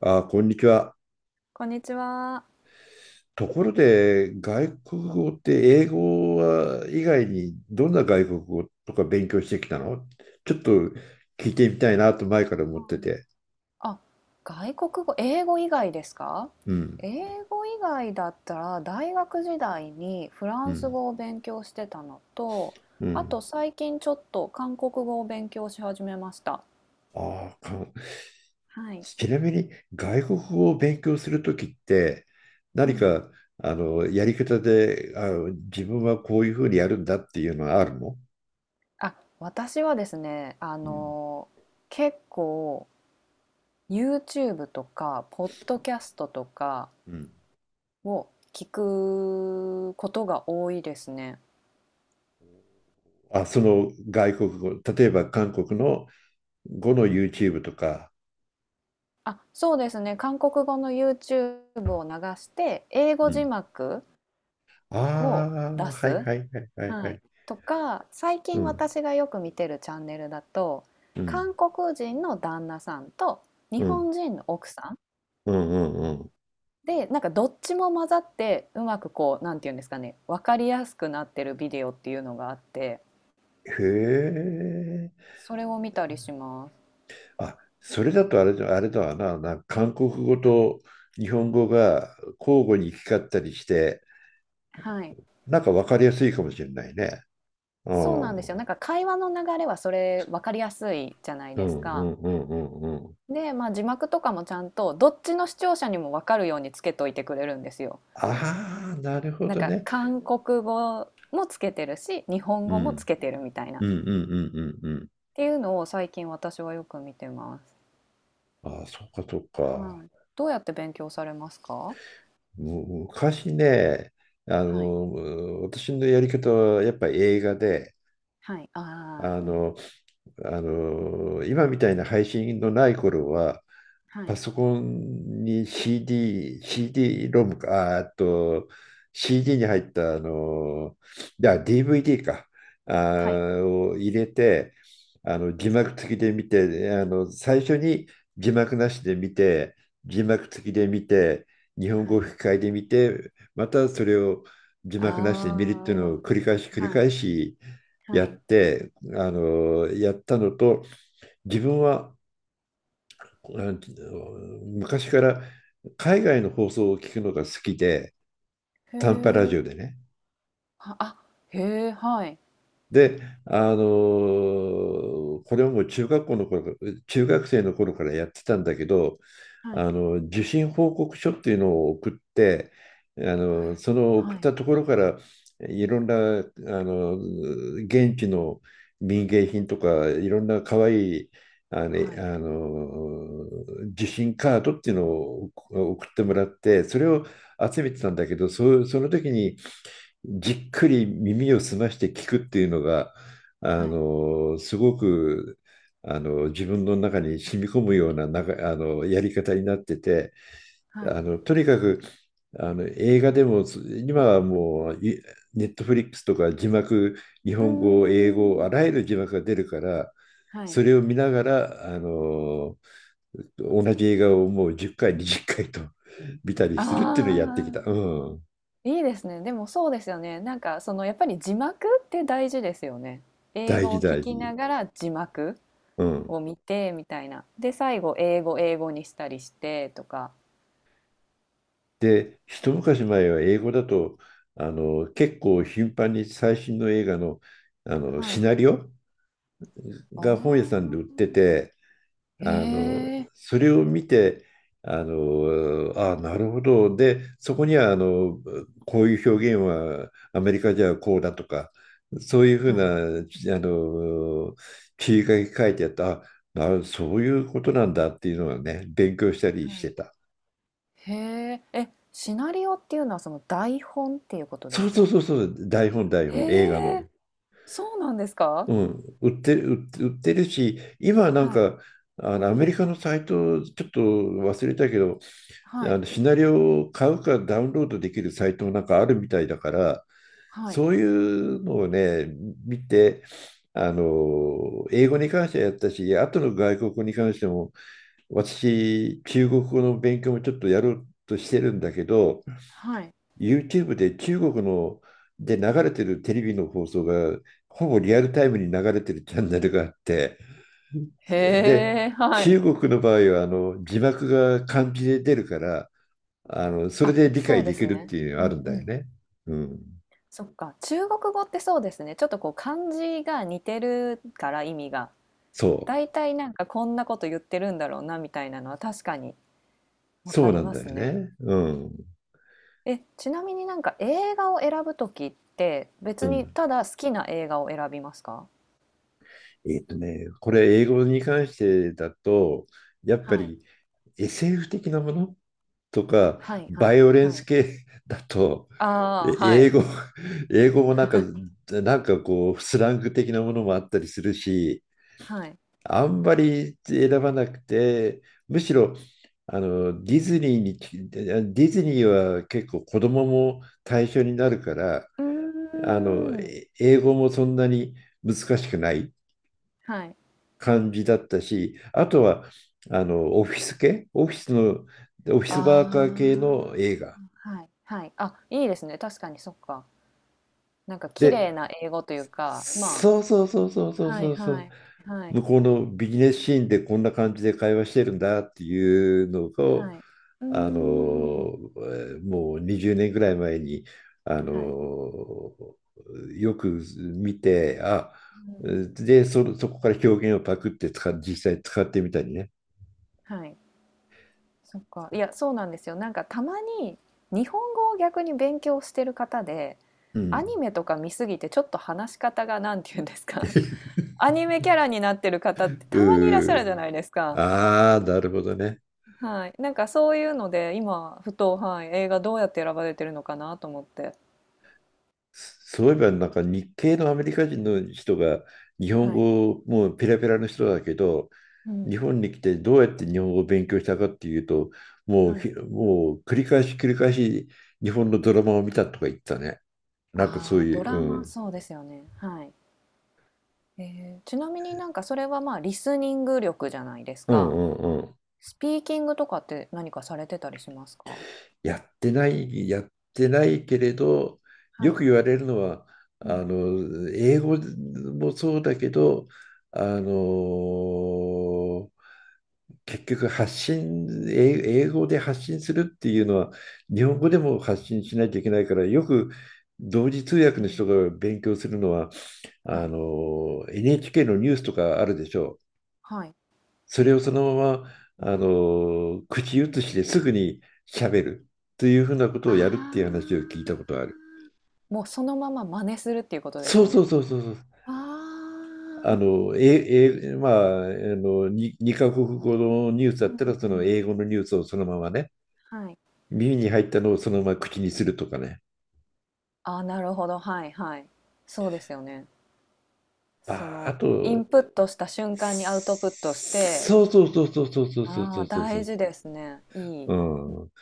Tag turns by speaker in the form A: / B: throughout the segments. A: あ、こんにちは。
B: こんにちは。
A: ところで、外国語って英語は以外にどんな外国語とか勉強してきたの、ちょっと聞いてみたいなと前から思っ
B: は
A: て
B: い。
A: て。
B: あ、外国語、英語以外ですか？
A: うん、
B: 英語以外だったら大学時代にフラ
A: う
B: ンス
A: ん、
B: 語を勉強してたのと、
A: う
B: あ
A: ん。
B: と最近ちょっと韓国語を勉強し始めました。
A: ああ、
B: はい。
A: ちなみに外国語を勉強するときって
B: う
A: 何
B: ん。
A: か、やり方で、自分はこういうふうにやるんだっていうのはあるの？
B: あ、私はですね、
A: うん、
B: 結構 YouTube とか、ポッドキャストとか
A: うん。
B: を聞くことが多いですね。
A: あ、その外国語、例えば韓国の語の YouTube とか。
B: あ、そうですね。韓国語の YouTube を流して、英
A: う
B: 語字
A: ん。
B: 幕
A: あ
B: を出
A: あ、はい
B: す。
A: はいはいはいは
B: はい。
A: い。
B: とか、最
A: う
B: 近
A: ん、
B: 私がよく見てるチャンネルだと、
A: うん、
B: 韓国人の旦那さんと日
A: うん、
B: 本人の奥さん
A: うん、うん。うん。
B: で、なんかどっちも混ざって、うまくこう、なんていうんですかね、わかりやすくなってるビデオっていうのがあって、
A: へえ。
B: それを見たりします。
A: あ、それだとあれだ、あれだわな、なんか韓国語と日本語が交互に行き交ったりして、
B: はい。
A: なんか分かりやすいかもしれないね。う
B: そう
A: ん、
B: なんです
A: う
B: よ。
A: ん、
B: なんか会話の流れはそれわかりやすいじゃない
A: う
B: です
A: ん、う
B: か。
A: ん、うん。うん。
B: で、まあ、字幕とかもちゃんとどっちの視聴者にも分かるようにつけといてくれるんですよ。
A: ああ、なるほ
B: なん
A: ど
B: か
A: ね。
B: 韓国語もつけてるし日本
A: う
B: 語もつ
A: ん、
B: けてるみたいなっ
A: うん、うん、うん、うん。うん。
B: ていうのを最近私はよく見てます。
A: ああ、そうか、そうか。
B: はい、どうやって勉強されますか？
A: 昔ね、
B: はい。
A: 私のやり方はやっぱり映画で、
B: はい。ああ、
A: あ
B: うん。
A: の、今みたいな配信のない頃は、
B: は
A: パ
B: い。
A: ソコンに CD、CD ロムか、ああと CD に入ったいや DVD か、
B: はい。
A: を入れて、字幕付きで見て、最初に字幕なしで見て、字幕付きで見て、日本
B: は
A: 語
B: い。
A: 吹き替えで見て、またそれを字
B: あ
A: 幕なしで見るっていうのを
B: あ、
A: 繰り返し繰り
B: はい。
A: 返し
B: は
A: やっ
B: い。
A: て、やったのと、自分はあ昔から海外の放送を聞くのが好きで、
B: へ
A: 短波ラ
B: え。
A: ジオでね。
B: はあ、へえ、はい。
A: で、あのーこれはもう中学生の頃からやってたんだけど、
B: はい。
A: 受信報告書っていうのを送って、
B: はい。
A: その送
B: は
A: っ
B: い。
A: たところからいろんな、あの現地の民芸品とかいろんな可愛いあの
B: はい。
A: あの受信カードっていうのを送ってもらって、それを集めてたんだけど、その時にじっくり耳を澄まして聞くっていうのが、
B: はい。
A: すごく、自分の中に染み込むような、やり方になってて、
B: はい。
A: とにかく、映画でも、今はもう、ネットフリックスとか字幕、日
B: うー
A: 本語、英語、あ
B: ん。
A: らゆる字幕が出るから、
B: はい。
A: それを見ながら、同じ映画をもう10回、20回と見たりするっていうのをやって
B: あ
A: き
B: あ、
A: た。うん。
B: いいですね。でもそうですよね。なんかそのやっぱり字幕って大事ですよね。英
A: 大
B: 語
A: 事、
B: を聞
A: 大
B: きな
A: 事。
B: がら字幕
A: うん。
B: を見てみたいな。で、最後英語にしたりしてとか。
A: で、一昔前は英語だと、結構頻繁に最新の映画の、
B: は
A: シ
B: い。
A: ナリオ
B: あ
A: が本屋さんで売っ
B: あ、
A: てて、
B: へえ、
A: それを見て、あ、なるほど。で、そこには、こういう表現はアメリカじゃこうだとか、そういうふ
B: はい。
A: うな、ちあの、切り書き書いてあった、そういうことなんだっていうのはね、勉強したり
B: は
A: して
B: い。
A: た。
B: へえ、え、シナリオっていうのはその台本っていうことで
A: そう
B: す
A: そう
B: か？
A: そうそう、台本、台
B: へ
A: 本、映画の。
B: え、そうなんですか？
A: うん、売ってる、売ってるし、今なん
B: はい。
A: か、アメリカのサイト、ちょっと忘れたけど、
B: はい。
A: シナリオを買うかダウンロードできるサイトもなんかあるみたいだから、
B: はい。
A: そういうのをね、見て、英語に関してはやったし、あとの外国語に関しても、私、中国語の勉強もちょっとやろうとしてるんだけど、
B: はい。
A: YouTube で中国ので流れてるテレビの放送がほぼリアルタイムに流れてるチャンネルがあって、で
B: へえ、は
A: 中
B: い。
A: 国の場合は字幕が漢字で出るから、それ
B: あ、
A: で理
B: そ
A: 解
B: うで
A: でき
B: す
A: るっ
B: ね。
A: ていうの
B: う
A: があるん
B: んう
A: だよ
B: ん。
A: ね。うん、
B: そっか、中国語ってそうですね。ちょっとこう漢字が似てるから意味が。
A: そう
B: だいたいなんかこんなこと言ってるんだろうなみたいなのは確かにわか
A: そう
B: り
A: なん
B: ま
A: だ
B: す
A: よ
B: ね。
A: ね。うん
B: え、ちなみになんか映画を選ぶときって
A: う
B: 別に
A: ん。
B: ただ好きな映画を選びますか？
A: これ英語に関してだとやっぱ
B: はい。
A: り SF 的なものとか、
B: はいは
A: バイ
B: い
A: オレン
B: は
A: ス
B: い。
A: 系だと、
B: ああ、
A: え
B: は
A: 英
B: い。
A: 語、英語もなんか、こう、スラング的なものもあったりするし、
B: はい。
A: あんまり選ばなくて、むしろ、あのディズニーにディズニーは結構子供も対象になるから、
B: うーん。
A: 英語もそんなに難しくない
B: はい。
A: 感じだったし、あとはあのオフィス系オフィスのオフィス
B: あ
A: ワーカー系の映画
B: あ、はい、はい。あ、いいですね。確かに、そっか。なんか綺
A: で。
B: 麗な英語というか、ま、
A: そうそうそうそうそう
B: は
A: そ
B: い
A: うそ
B: は
A: う。
B: いはい、
A: 向こうのビジネスシーンでこんな感じで会話してるんだっていうのを、
B: はい。うーん。
A: もう20年ぐらい前に、あの、
B: はい。
A: よく見て、
B: うん。
A: で、そこから表現をパクって実際使ってみたりね。
B: はい。そっか。いや、そうなんですよ。なんかたまに日本語を逆に勉強してる方で、
A: う
B: アニ
A: ん。
B: メとか見すぎてちょっと話し方がなんて言うんですか、アニメキャラになってる方ってたまにいらっしゃる
A: う
B: じゃないです
A: ー、
B: か。
A: ああ、なるほどね。
B: はい。なんかそういうので、今ふと、はい、映画どうやって選ばれてるのかなと思って。
A: そういえばなんか日系のアメリカ人の人が日本
B: はい。
A: 語もうペラペラの人だけど、
B: うん。
A: 日本に来てどうやって日本語を勉強したかっていうと、
B: はい。
A: もう繰り返し繰り返し日本のドラマを見たとか言ったね。
B: あ
A: なんかそう
B: あ、ド
A: いう。
B: ラ
A: う
B: マ、
A: ん、
B: そうですよね。はい。えー、ちなみになんかそれはまあリスニング力じゃないです
A: うん
B: か。
A: うんうん。
B: スピーキングとかって何かされてたりしますか？
A: やってない、やってないけれど、
B: は
A: よ
B: い。
A: く言われるのは、
B: うん。
A: 英語もそうだけど、あの結局、英語で発信するっていうのは日本語でも発信しなきゃいけないから、よく同時通訳
B: う
A: の
B: ん。
A: 人が勉強するのは
B: はい。
A: NHK のニュースとかあるでしょう。
B: はい。
A: それをそのまま、口移しですぐに喋るというふうなことをや
B: あ
A: るっていう話を聞いたこ
B: あ。
A: とがある。
B: もうそのまま真似するっていうことで
A: そ
B: す
A: うそ
B: ね。
A: うそうそうそう。
B: ああ。
A: まあ、に二カ国語のニュースだ
B: う
A: ったら、
B: ん
A: そ
B: う
A: の
B: ん。
A: 英語のニュースをそのままね、
B: はい。
A: 耳に入ったのをそのまま口にするとかね。
B: ああ、なるほど。はいはい。そうですよね。そ
A: あ、あ
B: のイ
A: と、
B: ンプットした瞬間にアウトプットして、
A: そうそうそうそうそうそうそう
B: あ
A: そ
B: あ、
A: うそうそ
B: 大事ですね。いい。
A: う。
B: うん、
A: うん、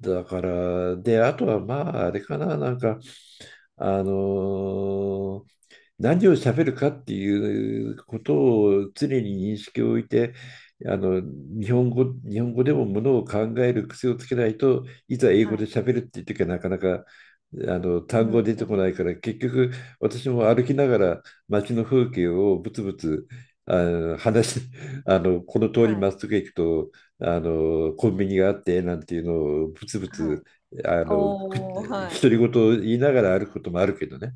A: だから、で、あとはまあ、あれかな、なんか、あのー何を喋るかっていうことを常に認識を置いて、日本語でもものを考える癖をつけないと、いざ英語
B: は
A: で
B: い。
A: 喋るっていう時はなかなか
B: う
A: 単語
B: ん
A: 出
B: う
A: てこない
B: ん。
A: から、結局私も歩きながら街の風景をぶつぶつ、あの話し この通り
B: は
A: ま
B: い。
A: っすぐ行くとコンビニがあってなんていうのをぶつぶ
B: は
A: つ、
B: い。
A: あのく
B: おお、はい。
A: 独り言を言いながら歩くこともあるけどね。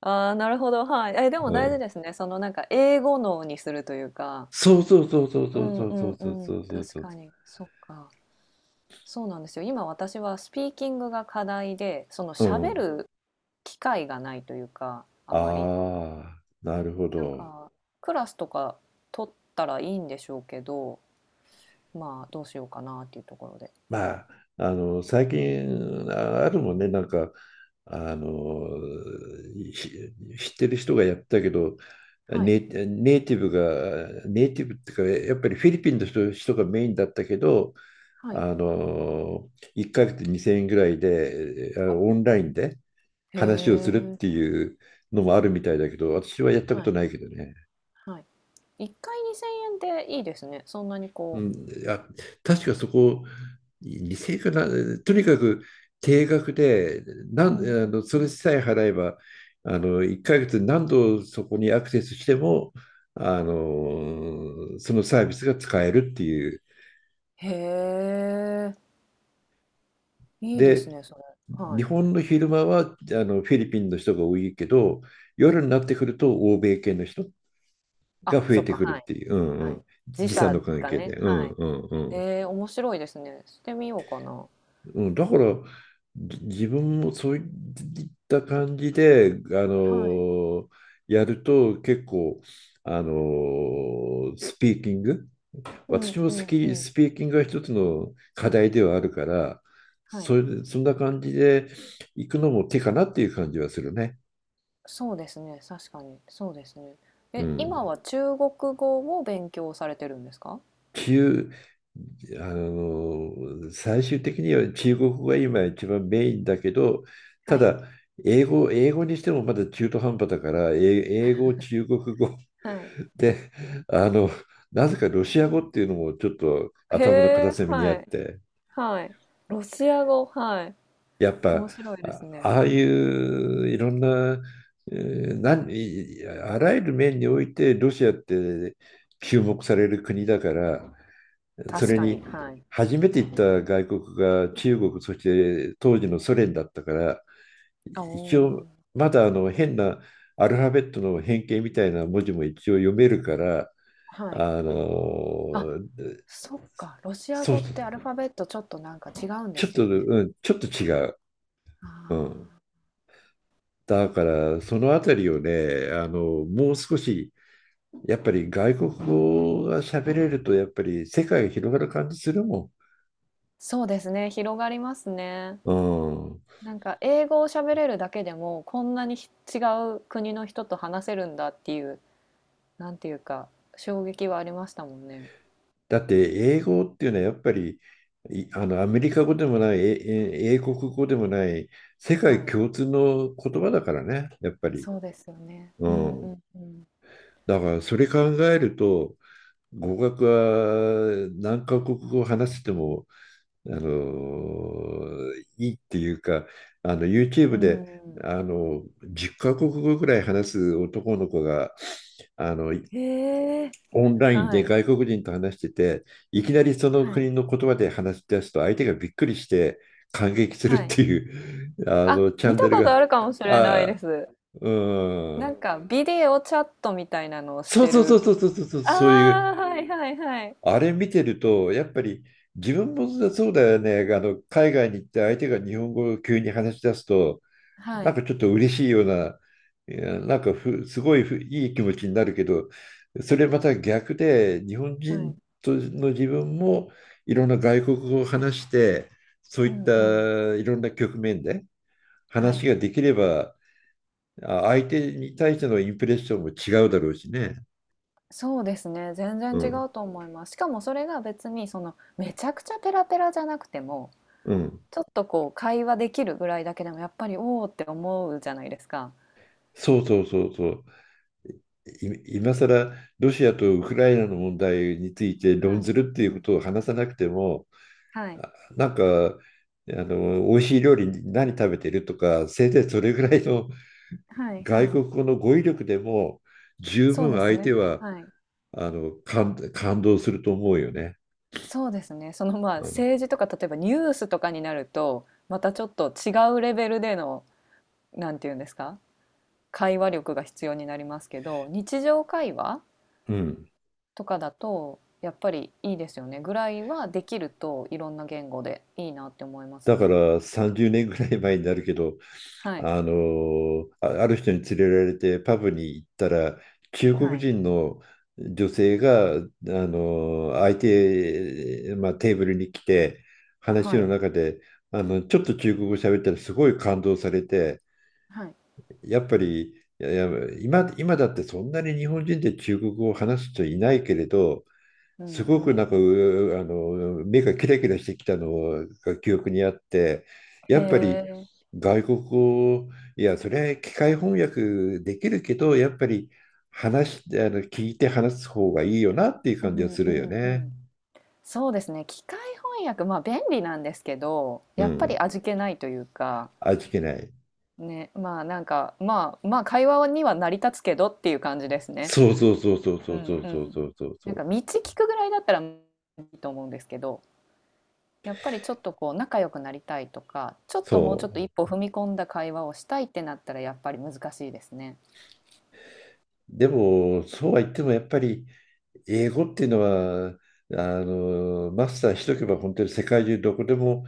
B: ああ、なるほど、はい。え、でも
A: う
B: 大事
A: ん、
B: ですね。そのなんか英語脳にするというか。
A: そうそうそうそう
B: う
A: そう
B: ん
A: そう
B: う
A: そ
B: ん
A: うそう
B: うん。
A: そうそう
B: 確
A: そ
B: かに。そっか。そうなんですよ。今私はスピーキングが課題で、その
A: う。う
B: 喋
A: ん。
B: る機会がないというか、あ
A: あ
B: まり。
A: あ、なるほ
B: なん
A: ど。
B: か、クラスとか取ったらいいんでしょうけど、まあ、どうしようかなっていうところで。
A: まあ、最近、あるもんね、なんか、あの、ひ知ってる人がやってたけど、
B: はい、
A: ネイティブが、ネイティブっていうか、やっぱりフィリピンの人がメインだったけど、
B: は
A: あ
B: い。
A: の、1ヶ月2000円ぐらいで、
B: お、
A: オンラインで
B: へ
A: 話をするっ
B: え。
A: ていうのもあるみたいだけど、私はやったこ
B: は
A: と
B: い、
A: ないけどね。
B: はい。1回2000円でいいですね。そんなに
A: う
B: こ
A: ん、あ、確かそこ、理性かな、とにかく定額で、な
B: う。
A: ん、
B: うんうん
A: あの、そ
B: う
A: れ
B: ん。
A: さえ払えば、1ヶ月何度そこにアクセスしても、そのサービスが使えるっていう。
B: へえ、いいです
A: で、
B: ね、それ。は
A: 日
B: い。
A: 本の昼間は、フィリピンの人が多いけど、夜になってくると欧米系の人が
B: あ、
A: 増え
B: そっ
A: て
B: か、
A: くる
B: は
A: っ
B: い、
A: ていう、うんう
B: は
A: ん、
B: い。時
A: 時差
B: 差
A: の関
B: が
A: 係
B: ね、
A: で。うん
B: はい。
A: うんうん。
B: ええ、面白いですね。してみようかな。
A: うん、だから自分もそういった感じで、
B: はい。
A: のやると結構、スピーキング、
B: うん
A: 私も
B: う
A: 好
B: んう
A: き、
B: ん。
A: スピーキングが一つの課題ではあるから、
B: はい。
A: それで、そんな感じで行くのも手かなっていう感じはするね。
B: そうですね、確かに、そうですね。
A: う
B: え、今
A: ん。
B: は中国語を勉強されてるんですか？
A: 中、最終的には中国語が今一番メインだけど、
B: は
A: た
B: い、
A: だ、英語にしてもまだ中途半端だから、英語、中国語
B: はい。
A: で、あの、なぜかロシア語っていうのもちょっと
B: へ
A: 頭の片
B: え、
A: 隅にあ
B: は
A: っ
B: い、
A: て、
B: はい。ロシア語、はい。
A: やっぱ、
B: 面白いですね。
A: ああいういろんな、えーなんいあらゆる面においてロシアって注目される国だから、そ
B: 確
A: れ
B: か
A: に
B: に、はい。
A: 初めて行った外国が中国、そして当時のソ連だったから、
B: あ、お
A: 一応
B: お、
A: まだ変なアルファベットの変形みたいな文字も一応読めるから、
B: はい。
A: あ
B: あ、
A: の
B: そっか、ロシア
A: そう、
B: 語ってアルファベットちょっとなんか違うんで
A: ちょっ
B: すよ
A: と、
B: ね。
A: うん、ちょっと違う。
B: あ
A: うん。
B: ー、
A: だからそのあたりをね、もう少しやっぱり外国語が喋れるとやっぱり世界が広がる感じするも
B: そうですね、広がりますね。
A: ん。うん。
B: なんか英語を喋れるだけでも、こんなに違う国の人と話せるんだっていう、なんていうか、衝撃はありましたもんね。
A: だって英語っていうのはやっぱりいあのアメリカ語でもない、英国語でもない、世界
B: はい。
A: 共通の言葉だからね、やっぱり。
B: そうですよね。
A: う
B: うんう
A: ん。
B: んうん。
A: だからそれ考えると、語学は何カ国語話せても、いいっていうか、
B: う
A: YouTube
B: ん
A: で
B: う
A: 10カ国語ぐらい話す男の子があの
B: ん。へえ。
A: オンライン
B: は
A: で
B: い。
A: 外国人と話してて、いきなりその
B: はい。
A: 国の言葉で話し出すと、相手がびっくりして感激する
B: は
A: っ
B: い。
A: ていう、
B: あ、
A: チャ
B: 見
A: ン
B: た
A: ネル
B: ことあ
A: が。
B: るかもしれないで
A: あ
B: す。
A: う
B: な
A: ん、
B: んかビデオチャットみたいなのをし
A: そう
B: て
A: そうそう
B: る。
A: そうそうそう
B: あ
A: そう、いう、
B: あ、はいはいはい。
A: あれ見てると、やっぱり自分もそうだよね。海外に行って相手が日本語を急に話し出すと、
B: は
A: なん
B: い
A: かちょっと嬉しいような、いやなんかすごいいい気持ちになるけど、それまた逆で、日本
B: は
A: 人
B: い。
A: との自分もいろんな外国語を話して、そう
B: う
A: いっ
B: んうん。
A: たいろんな局面で
B: は
A: 話
B: い。
A: ができれば、相手に対してのインプレッションも違うだろうしね。
B: そうですね、全然
A: う
B: 違
A: ん、
B: うと思います。しかもそれが別にそのめちゃくちゃペラペラじゃなくても、
A: うん、
B: ちょっとこう会話できるぐらいだけでもやっぱり「おお」って思うじゃないですか。
A: そうそうそうそう。今更ロシアとウクライナの問題について論
B: はい。
A: ずるって
B: う
A: いうこ
B: ん。
A: とを話さなくても、
B: はい。
A: なんか、美味しい料理何食べてるとか、せいぜいそれぐらいの
B: は い
A: 外
B: はい。
A: 国語の語彙力でも、十
B: そう
A: 分
B: です
A: 相
B: ね。
A: 手は、
B: はい。
A: 感動すると思うよね。
B: そうですね。その、まあ、
A: うん。
B: 政治とか例えばニュースとかになると、またちょっと違うレベルでの、なんて言うんですか、会話力が必要になりますけど、日常会話
A: うん。
B: とかだとやっぱりいいですよねぐらいはできるといろんな言語でいいなって思います
A: だか
B: ね。
A: ら30年ぐらい前になるけど、
B: はい
A: ある人に連れられてパブに行ったら中
B: は
A: 国
B: い
A: 人の女性が相手、まあ、テーブルに来て、話
B: は
A: の
B: い
A: 中でちょっと中国語喋ったらすごい感動されて、
B: はい。
A: やっぱりやいや今だってそんなに日本人で中国語を話す人いないけれど、
B: うん
A: す
B: う
A: ごく
B: んう
A: な
B: ん。
A: んか、うあの、目がキラキラしてきたのが記憶にあって、
B: へ
A: やっぱり
B: え。
A: 外国語、いや、それは機械翻訳できるけど、やっぱり聞いて話す方がいいよなっていう
B: う
A: 感じは
B: ん
A: す
B: う
A: るよ
B: んう
A: ね。
B: ん。そうですね。機械翻訳、まあ便利なんですけど、
A: う
B: やっぱり
A: ん。
B: 味気ないというか、
A: 味気ない。
B: ね、まあなんか、まあまあ会話には成り立つけどっていう感じですね。
A: そうそうそうそうそ
B: う
A: うそ
B: ん
A: う
B: う
A: そう
B: ん。
A: そうそうそ
B: なんか
A: う。
B: 道聞くぐらいだったらいいと思うんですけど。やっぱりちょっとこう仲良くなりたいとか、ちょっ
A: そ
B: ともうちょっと
A: う。
B: 一歩踏み込んだ会話をしたいってなったらやっぱり難しいですね。
A: でも、そうは言ってもやっぱり英語っていうのは、マスターしとけば本当に世界中どこでも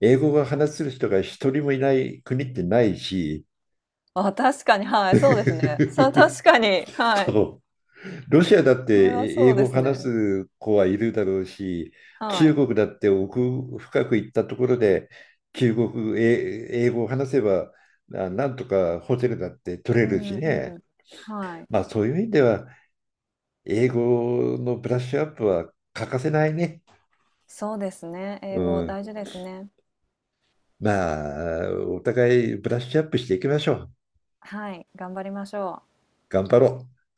A: 英語が話せる人が一人もいない国ってないし、
B: あ、確かに、はい、そうですね。そう、確 かに、はい。
A: そう。ロシアだって
B: それは
A: 英
B: そう
A: 語
B: で
A: を
B: す
A: 話
B: ね。
A: す子はいるだろうし、
B: は
A: 中
B: い。
A: 国だって奥深く行ったところで、中国、え英語を話せばなんとかホテルだって取れ
B: う
A: るし
B: ん
A: ね。
B: うん。はい。
A: まあそういう意味では英語のブラッシュアップは欠かせないね。
B: そうですね。
A: う
B: 英語
A: ん。
B: 大事ですね。
A: まあ、お互いブラッシュアップしていきましょう。
B: はい、頑張りましょう。
A: 頑張ろう。